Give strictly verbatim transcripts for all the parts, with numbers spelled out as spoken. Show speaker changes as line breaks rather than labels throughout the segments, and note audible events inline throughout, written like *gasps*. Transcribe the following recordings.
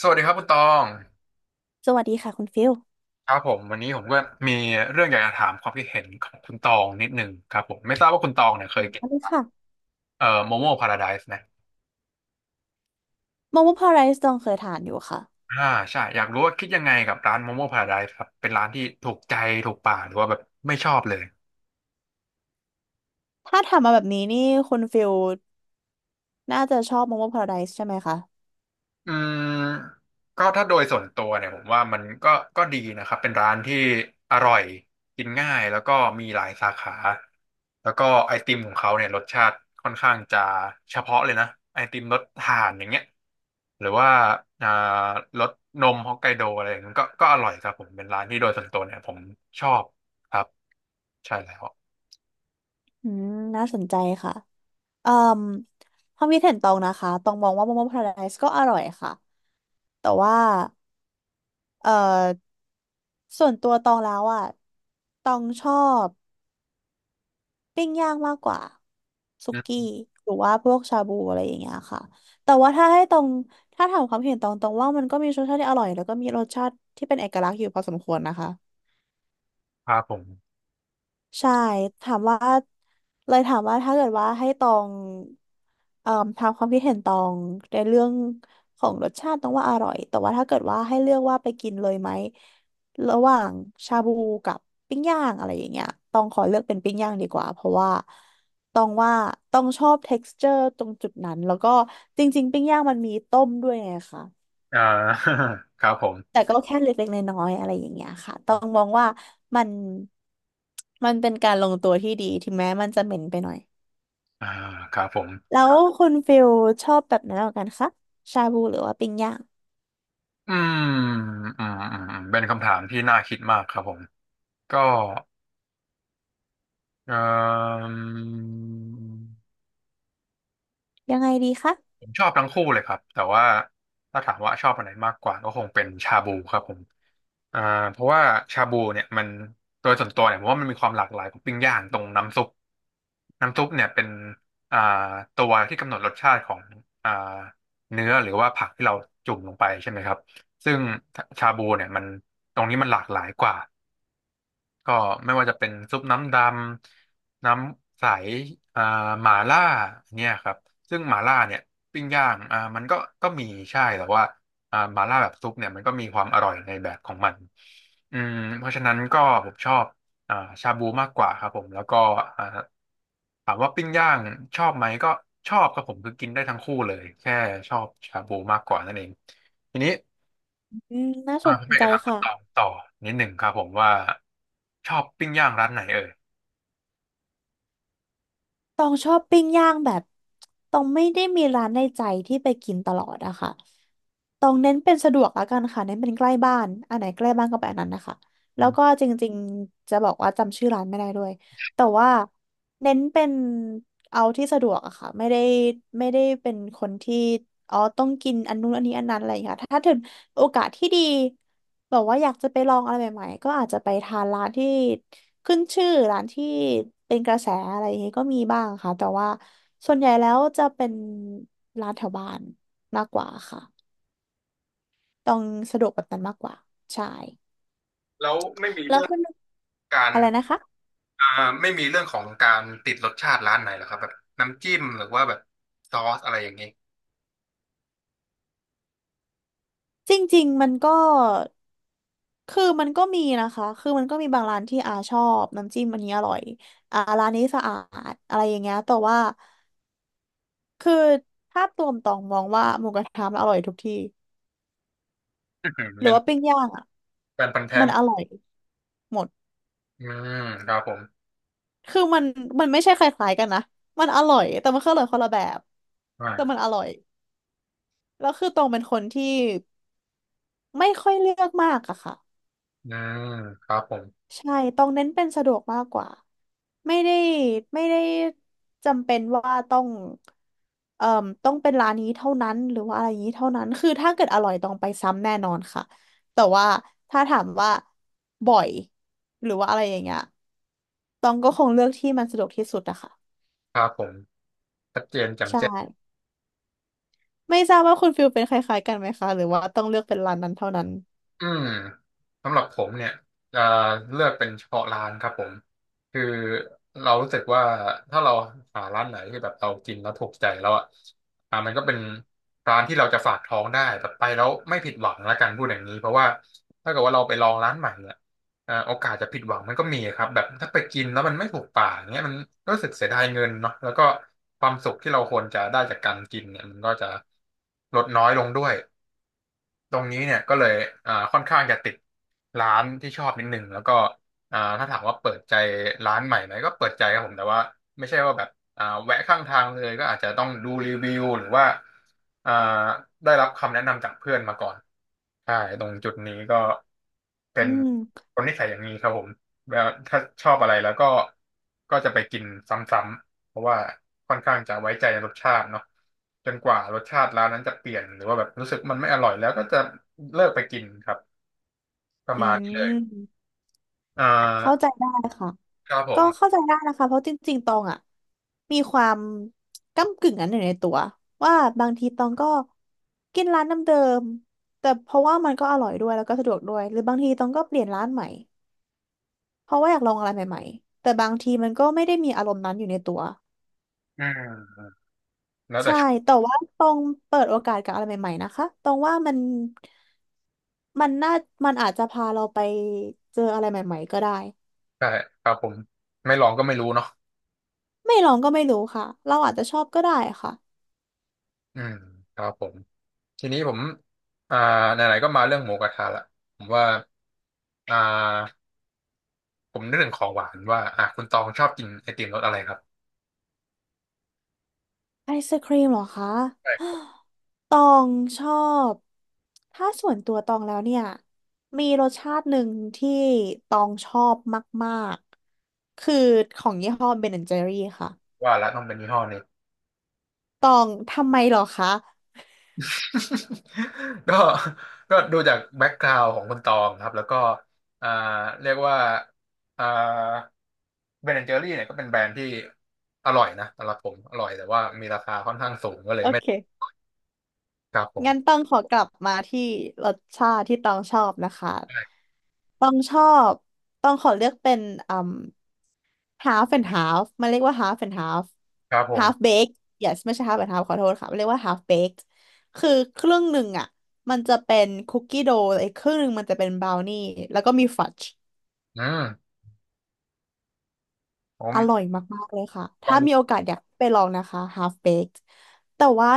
สวัสดีครับคุณตอง
สวัสดีค่ะคุณฟิล
ครับผมวันนี้ผมก็มีเรื่องอยากจะถามความคิดเห็นของคุณตองนิดนึงครับผมไม่ทราบว่าคุณตองเนี่ยเค
ส
ยกิน
วัสดีค่ะ
เอ่อโมโม่พาราไดซ์ไหม
โมโมพาราไดซ์ตองเคยทานอยู่ค่ะ
อ่าใช่อยากรู้ว่าคิดยังไงกับร้านโมโม่พาราไดซ์ครับเป็นร้านที่ถูกใจถูกปากหรือว่าแบบไม่ชอบเลย
ถ้าทำมมาแบบนี้นี่คุณฟิลน่าจะชอบโมโมพาราไดซ์ใช่ไหมคะ
อืมก็ถ้าโดยส่วนตัวเนี่ยผมว่ามันก็ก็ดีนะครับเป็นร้านที่อร่อยกินง่ายแล้วก็มีหลายสาขาแล้วก็ไอติมของเขาเนี่ยรสชาติค่อนข้างจะเฉพาะเลยนะไอติมรสถ่านอย่างเงี้ยหรือว่าอ่ารสนมฮอกไกโดอะไรอย่างเงี้ยก็ก็อร่อยครับผมเป็นร้านที่โดยส่วนตัวเนี่ยผมชอบครับใช่แล้ว
อืมน่าสนใจค่ะเอ่มความคิดเห็นตองนะคะตองมองว่าโมโมพาราไดซ์ก็อร่อยค่ะแต่ว่าเอ่อส่วนตัวตองแล้วอ่ะตองชอบ ปิ้งย่างมากกว่าสุ
อื
กี้
ม
หรือว่าพวกชาบูอะไรอย่างเงี้ยค่ะแต่ว่าถ้าให้ตรงถ้าถามความเห็นตรงตรงว่ามันก็มีรสชาติที่อร่อยแล้วก็มีรสชาติที่เป็นเอกลักษณ์อยู่พอสมควรนะคะ
ครับผม
ใช่ถามว่าเลยถามว่าถ้าเกิดว่าให้ตองเอ่อถามความคิดเห็นตองในเรื่องของรสชาติต้องว่าอร่อยแต่ว่าถ้าเกิดว่าให้เลือกว่าไปกินเลยไหมระหว่างชาบูกับปิ้งย่างอะไรอย่างเงี้ยต้องขอเลือกเป็นปิ้งย่างดีกว่าเพราะว่าต้องว่าต้องชอบเท็กซ์เจอร์ตรงจุดนั้นแล้วก็จริงๆปิ้งย่างมันมีต้มด้วยไงคะ
อ่า *laughs* ครับผม
แต่ก็แค่เล็กๆน้อยๆอะไรอย่างเงี้ยค่ะ ต้องมองว่ามันมันเป็นการลงตัวที่ดีถึงแม้มันจะเหม็นไปหน่อย
อ่าครับผม
แล้วคุณฟิลชอบแบบไหนมากกว่ากันคะชาบูหรือว่าปิ้งย่าง
อืมอืมอืมเป็นคำถามที่น่าคิดมากครับผมก็เอ่ม
ยังไงดีคะ
ผมชอบทั้งคู่เลยครับแต่ว่าถ้าถามว่าชอบอันไหนมากกว่าก็คงเป็นชาบูครับผมอ่าเพราะว่าชาบูเนี่ยมันโดยส่วนตัวเนี่ยผมว่ามันมีความหลากหลายของปิ้งย่างตรงน้ำซุปน้ำซุปเนี่ยเป็นอ่าตัวที่กำหนดรสชาติของอ่าเนื้อหรือว่าผักที่เราจุ่มลงไปใช่ไหมครับซึ่งชาบูเนี่ยมันตรงนี้มันหลากหลายกว่า ก็ไม่ว่าจะเป็นซุปน้ำดำน้ำใสอ่าหม่าล่าเนี่ยครับซึ่งหม่าล่าเนี่ยปิ้งย่างอ่ามันก็ก็มีใช่แต่ว่าอ่าหม่าล่าแบบซุปเนี่ยมันก็มีความอร่อยในแบบของมันอืมเพราะฉะนั้นก็ผมชอบอ่าชาบูมากกว่าครับผมแล้วก็อ่าถามว่าปิ้งย่างชอบไหมก็ชอบครับผมคือกินได้ทั้งคู่เลยแค่ชอบชาบูมากกว่านั่นเองทีนี้
อืมน่าส
อ่า
น
ผมอยาก
ใจ
จะถามคุณ
ค่ะ
ตองต่อนิดหนึ่งครับผมว่าชอบปิ้งย่างร้านไหนเอ่ย
ตองชอบปิ้งย่างแบบตองไม่ได้มีร้านในใจที่ไปกินตลอดอะค่ะตองเน้นเป็นสะดวกแล้วกันค่ะเน้นเป็นใกล้บ้านอันไหนใกล้บ้านก็ไปอันนั้นนะคะ
อื
แล้วก็
ม
จริงๆจะบอกว่าจำชื่อร้านไม่ได้ด้วยแต่ว่าเน้นเป็นเอาที่สะดวกอะค่ะไม่ได้ไม่ได้เป็นคนที่อ๋อต้องกินอันนู้นอันนี้อันนั้นอะไรอย่างเงี้ยค่ะถ้าถึงโอกาสที่ดี แบบว่าอยากจะไปลองอะไรใหม่ๆก็อาจจะไปทานร้านที่ขึ้นชื่อร้านที่เป็นกระแสอะไรอย่างงี้ก็มีบ้างค่ะแต่ว่าส่วนใหญ่แล้วจะเป็นร้านแถวบ้านมากกว่าค่ะต้องสะดวกแบบนั้นมากกว่าใช่
แล้วไม่มี
แล้ว
เรื่อง
คุณ
การ
อะไรนะคะ
อ่าไม่มีเรื่องของการติดรสชาติร้านไหนเหรอครับแบบน้ำจิ้มหรือว่าแบบซอสอะไรอย่างนี้
จริงๆมันก็คือมันก็มีนะคะคือมันก็มีบางร้านที่อาชอบน้ำจิ้มอันนี้อร่อยอ่าร้านนี้สะอาดอะไรอย่างเงี้ยแต่ว่าคือภาพรวมตองมองว่าหมูกระทะมันอร่อยทุกที่
อื้อหือ
หรือ
เป็น
ว่าปิ้งย่าง
แฟนพันธุ์แท้
มันอร่อยหมด
อืมครับผม
คือมันมันไม่ใช่คล้ายๆกันนะ มันอร่อยแต่มันก็ออร่อยคนละแบบ
อ่า
แต่มันอร่อยแล้วคือตองเป็นคนที่ไม่ค่อยเลือกมากอะค่ะ
อืมครับผม
ใช่ตองเน้นเป็นสะดวกมากกว่า ไม่ได้ไม่ได้จำเป็นว่าต้องเอ่อต้องเป็นร้านนี้เท่านั้นหรือว่าอะไรอย่างนี้เท่านั้นคือถ้าเกิดอร่อยต้องไปซ้ำแน่นอนค่ะแต่ว่าถ้าถามว่าบ่อยหรือว่าอะไรอย่างเงี้ยตองก็คงเลือกที่มันสะดวกที่สุดอะค่ะ
ครับผมชัดเจนแจ่ม
ใช่
แจ้ง
ไม่ทราบว่าคุณฟิลเป็นคล้ายๆกันไหมคะหรือว่าต้องเลือกเป็นร้านนั้นเท่านั้น
อืมสำหรับผมเนี่ยจะเลือกเป็นเฉพาะร้านครับผมคือเรารู้สึกว่าถ้าเราหาร้านไหนที่แบบเรากินแล้วถูกใจแล้วอ่ะอ่ามันก็เป็นร้านที่เราจะฝากท้องได้แบบไปแล้วไม่ผิดหวังละกันพูดอย่างนี้เพราะว่าถ้าเกิดว่าเราไปลองร้านใหม่เนี่ยอ่าโอกาสจะผิดหวังมันก็มีครับแบบถ้าไปกินแล้วมันไม่ถูกปากเนี้ยมันรู้สึกเสียดายเงินเนาะแล้วก็ความสุขที่เราควรจะได้จากการกินเนี่ยมันก็จะลดน้อยลงด้วย ตรงนี้เนี่ยก็เลยอ่าค่อนข้างจะติดร้านที่ชอบนิดนึงแล้วก็อ่าถ้าถามว่าเปิดใจร้านใหม่ไหมก็เปิดใจครับผมแต่ว่าไม่ใช่ว่าแบบอ่าแวะข้างทางเลยก็อาจจะต้องดูรีวิวหรือว่าอ่าได้รับคำแนะนำจากเพื่อนมาก่อน ใช่ตรงจุดนี้ก็เป็
อื
น
ม
คนนิสัยอย่างนี้ครับผมแล้วถ้าชอบอะไรแล้วก็ก็จะไปกินซ้ำๆเพราะว่าค่อนข้างจะไว้ใจในรสชาติเนาะจนกว่ารสชาติร้านนั้นจะเปลี่ยนหรือว่าแบบรู้สึกมันไม่อร่อยแล้วก็จะเลิกไปกินครับประ
อื
มาณนี้เลย
ม
อ่
เข้าใจ
า
ได้ค่ะ
ครับผ
ก็
ม
เข้าใจได้นะคะเพราะจริงๆตองอ่ะมีความก้ำกึ่งนั้นอยู่ในตัวว่าบางทีตองก็กินร้านเดิมๆแต่เพราะว่ามันก็อร่อยด้วยแล้วก็สะดวกด้วยหรือบางทีตองก็เปลี่ยนร้านใหม่เพราะว่าอยากลองอะไรใหม่ๆแต่บางทีมันก็ไม่ได้มีอารมณ์นั้นอยู่ในตัว
อืมแล้วแต่
ใช่
ช่วง
แต่ว่าตองเปิดโอกาสกับอะไรใหม่ๆนะคะตองว่ามัน มันน่ามันอาจจะพาเราไปเจออะไรใหม่ๆก็ได้
ใช่ครับผมไม่ลองก็ไม่รู้เนาะ
ไม่ลองก็ไม่รู้ค่ะเราอาจจะชอบก็ได้ค่ะ
อืมครับผมทีนี้ผมอ่าไหนๆก็มาเรื่องหมูกระทะละผมว่าอ่า ผมนึกถึงของหวานว่าอ่ะคุณตองชอบกินไอติมรสอะไรครับ
ไอศครีมเหรอคะ
ใช่
*gasps* ตองชอบถ้าส่วนตัวตองแล้วเนี่ยมีรสชาติหนึ่งที่ตองชอบมากๆคือของยี่ห้อเบนแอนด์เจอรี่ค่ะ
ว่าละต้องเป็นยี่ห้อนี้
ตองทำไมเหรอคะ
*laughs* ก็ก็ดูจากแบ็กกราวด์ของคุณตองครับแล้วก็อ่าเรียกว่าอ่าเบนแอนเจอรี่เนี่ยก็เป็นแบรนด์ที่อร่อยนะสำหรับผมอร่อยแต่ว่ามีราคาค่อนข้างสูงก็เลย
โอ
ไม่
เค
ครับผ
งั้น
ม
ต้องขอกลับมาที่รสชาติที่ต้องชอบนะคะ
ใช่
ต้องชอบต้องขอเลือกเป็น half and half มันเรียกว่า half and half
ครับผม
half baked yes ไม่ใช่ half and half ขอโทษค่ะมันเรียกว่า half baked คือครึ่งหนึ่งอ่ะมันจะเป็นคุกกี้โดว์อีกครึ่งหนึ่งมันจะเป็นบราวนี่แล้วก็มีฟัดจ์
อืมผ
อร่อย
ม
มากๆเลยค่ะ
ลอ
ถ้า
ง
มีโอ
ดู
กาสอยากไปลองนะคะ half baked แต่ว่า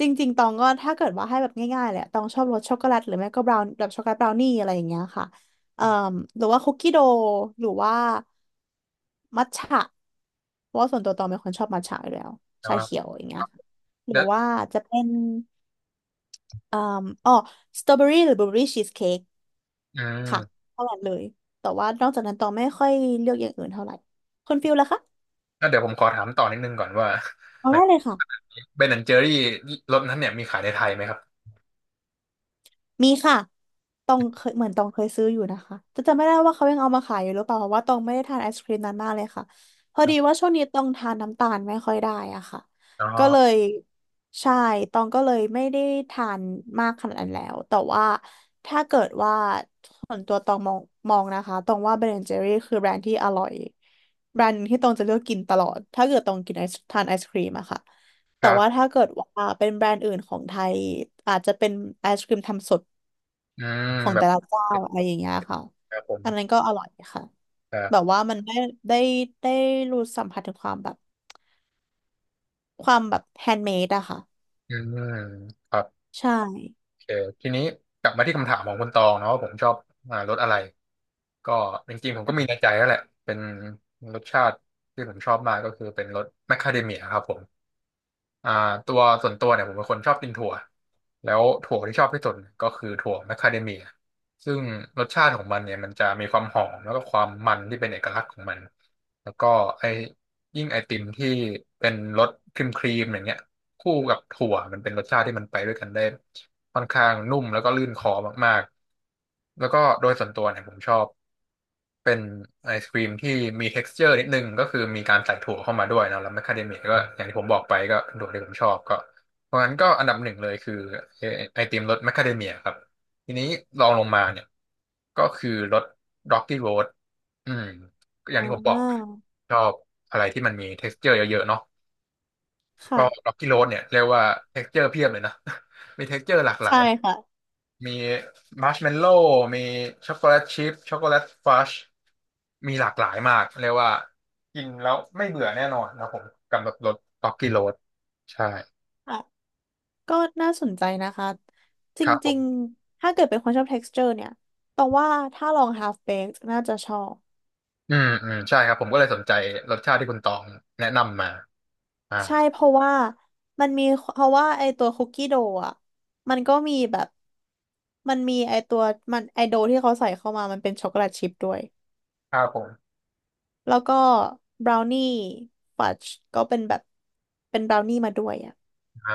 จริงๆตองก็ถ้าเกิดว่าให้แบบง่ายๆแหละตองชอบรสช็อกโกแลตหรือไม่ก็บราวน์แบบช็อกโกแลตบราวนี่อะไรอย่างเงี้ยค่ะเอ่อหรือว่าคุกกี้โดว์หรือว่ามัทฉะ เพราะว่าส่วนตัวตองเป็นคนชอบมัทฉะอยู่แล้ว
อ่
ชาเขีย
า
วอย่างเงี้ยหรือ
เดี๋ยว
ว่าจะเป็นอ่ออ๋อสตรอเบอรี่หรือบลูเบอรี่ชีสเค้ก
อื
ค่ะ
ม
เท่านั้นเลยแต่ว่านอกจากนั้นตองไม่ค่อยเลือกอย่างอื่นเท่าไหร่คุณฟิลล่ะคะ
แล้วเดี๋ยวผมขอถามต่อนิดนึงก่อนว่า
เอา
*laughs* แบบ
ได้เลยค่ะ
เบนแอนเจอรี่รสนั้นเนี่ยมีขายในไทยไหมครับ
มีค่ะตองเคยเหมือนตองเคยซื้ออยู่นะคะจะจำไม่ได้ว่าเขายังเอามาขายอยู่หรือเปล่าเพราะว่าตองไม่ได้ทานไอศครีมนั้นมากเลยค่ะพอดีว่าช่วงนี้ตองทานน้ำตาลไม่ค่อยได้อะค่ะ
อ๋อ
ก็เลยใช่ตองก็เลยไม่ได้ทานมากขนาดนั้นแล้วแต่ว่าถ้าเกิดว่าส่วนตัวตองมองมองนะคะตองว่า เบน แอนด์ เจอรี่ คือแบรนด์ที่อร่อยแบรนด์หนึ่งที่ตองจะเลือกกินตลอดถ้าเกิดตองกินไอศทานไอศครีมอะค่ะ
ค
แต่
รั
ว่า
บ
ถ้าเกิดว่าเป็นแบรนด์อื่นของไทยอาจจะเป็นไอศครีมทำสด
อืม
ของ
แบ
แต่
บ
ละเจ้าอะไรอย่างเงี้ยค่ะ
ครับผม
อันนั้นก็อร่อยค่ะ
ครั
แบบ
บ
ว่ามันได้ได้ได้รู้สัมผัสถึงความแบบความแบบแฮนด์เมดอะค่ะ
อืมครับ
ใช่
โอเคทีนี้กลับมาที่คำถามของคุณตองเนาะว่าผมชอบอ่ารสอะไร ก็จริงๆผมก็มีในใจแล้วแหละ เป็นรสชาติที่ผมชอบมากก็คือเป็นรสแมคคาเดเมียครับผม อ่าตัวส่วนตัวเนี่ยผมเป็นคนชอบกินถั่วแล้วถั่วที่ชอบที่สุดก็คือถั่วแมคคาเดเมียซึ่งรสชาติของมันเนี่ยมันจะมีความหอมแล้วก็ความมันที่เป็นเอกลักษณ์ของมันแล้วก็ไอยิ่งไอติมที่เป็นรสครีมครีมอย่างเงี้ยคู่กับถั่วมันเป็นรสชาติที่มันไปด้วยกันได้ค่อนข้างนุ่มแล้วก็ลื่นคอมากๆแล้วก็โดยส่วนตัวเนี่ยผมชอบ เป็นไอศกรีมที่มี texture นิดนึงก็คือมีการใส่ถั่วเข้ามาด้วยเนอะแล้วแมคคาเดเมียก็อย่างที่ผมบอกไปก็เป็นถั่วที่ผมชอบก็เพราะงั้นก็อันดับหนึ่งเลยคือไอไอติมรสแมคคาเดเมียครับทีนี้ลองลงมาเนี่ยก็คือรส Rocky Road อืมอย่างที่ผ
อ่า
มบอกชอบอะไรที่มันมี texture เยอะๆเนาะก็
ค่ะ
Rocky Road เนี่ยเรียกว่า texture เพียบเลยนะ *laughs* มี texture หลากหลา
ใช่
ย
ค่ะ
มีมัชเมลโล่มีช็อกโกแลตชิพช็อกโกแลตฟัชมีหลากหลายมากเรียกว่ากินแล้วไม่เบื่อแน่นอนนะผมกำหนดรสต็อกกี้โรดใช่
อ่ะ ก็น่าสนใจนะคะ จ
ครับผ
ริ
ม
งๆ ถ้าเกิดเป็นคนชอบ texture เนี่ยต้องว่าถ้าลอง ฮาล์ฟเบค น่าจะชอบ
อืมอืมใช่ครับผมก็เลยสนใจรสชาติที่คุณตองแนะนำมาอ่า
ใช่เพราะว่ามันมีเพราะว่าไอตัวคุกกี้โดอ่ะมันก็มีแบบ มันมีไอตัวมันไอโดที่เขาใส่เข้ามามันเป็นช็อกโกแลตชิพด้วย
ครับผม
แล้วก็บราวนี่ฟัดจ์ก็เป็นแบบเป็นบราวนี่มาด้วยอ่ะ
อ่า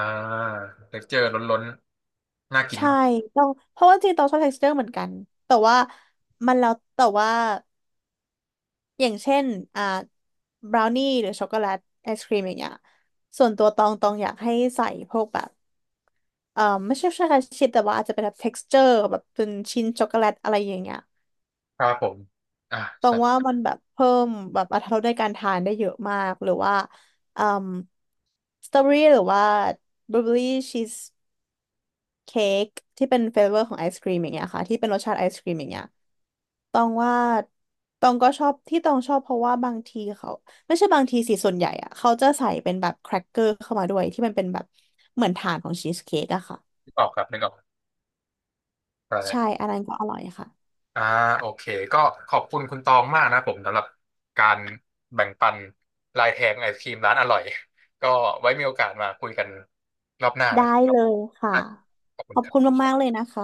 เท็กเจอร์ล้นๆน่ากิน
ใช่
มาก
ต้องเพราะว่าจริงๆต้องชอบ texture เหมือนกันแต่ว่ามันแล้วแต่ว่าอย่างเช่นอ่าบราวนี่หรือช็อกโกแลตไอศครีมอย่างเงี้ยส่วนตัวตองตองอยากให้ใส่พวกแบบเอ่อไม่ใช่ใช่แค่ชิ้นแต่ว่าอาจจะเป็นแบบ texture แบบเป็นชิ้นช็อกโกแลตอะไรอย่างเงี้ย
ครับผมอ่า
ตรงว่า
ใส่
มันแบบเพิ่มแบบอรรถรสในการทานได้เยอะมากหรือว่าอืมสตรอเบอรี่หรือว่าบลูเบอรี่ชีสเค้กที่เป็นเฟเวอร์ของไอศกรีมอย่างเงี้ยค่ะที่เป็นรสชาติไอศกรีมอย่างเงี้ยตองว่าตองก็ชอบที่ตองชอบเพราะว่าบางทีเขาไม่ใช่บางทีสิส่วนใหญ่อะเขาจะใส่เป็นแบบแครกเกอร์เข้ามาด้วยที่มันเป็นแบบเหมือนฐานของชีสเค้กอะค่ะ
ที่ออกครับนึกออกใช่
ใช่อันนั้นก็อร่อยค่ะ
อ่าโอเคก็ขอบคุณคุณตองมากนะผมสำหรับการแบ่งปันลายแทงไอศครีมร้านอร่อยก็ไว้มีโอกาสมาคุยกันรอบหน้า
ได้
นะครับ
เลยค่ะ
ได้ขอบคุ
ข
ณ
อบ
ครั
คุณ
บ
มากๆเลยนะคะ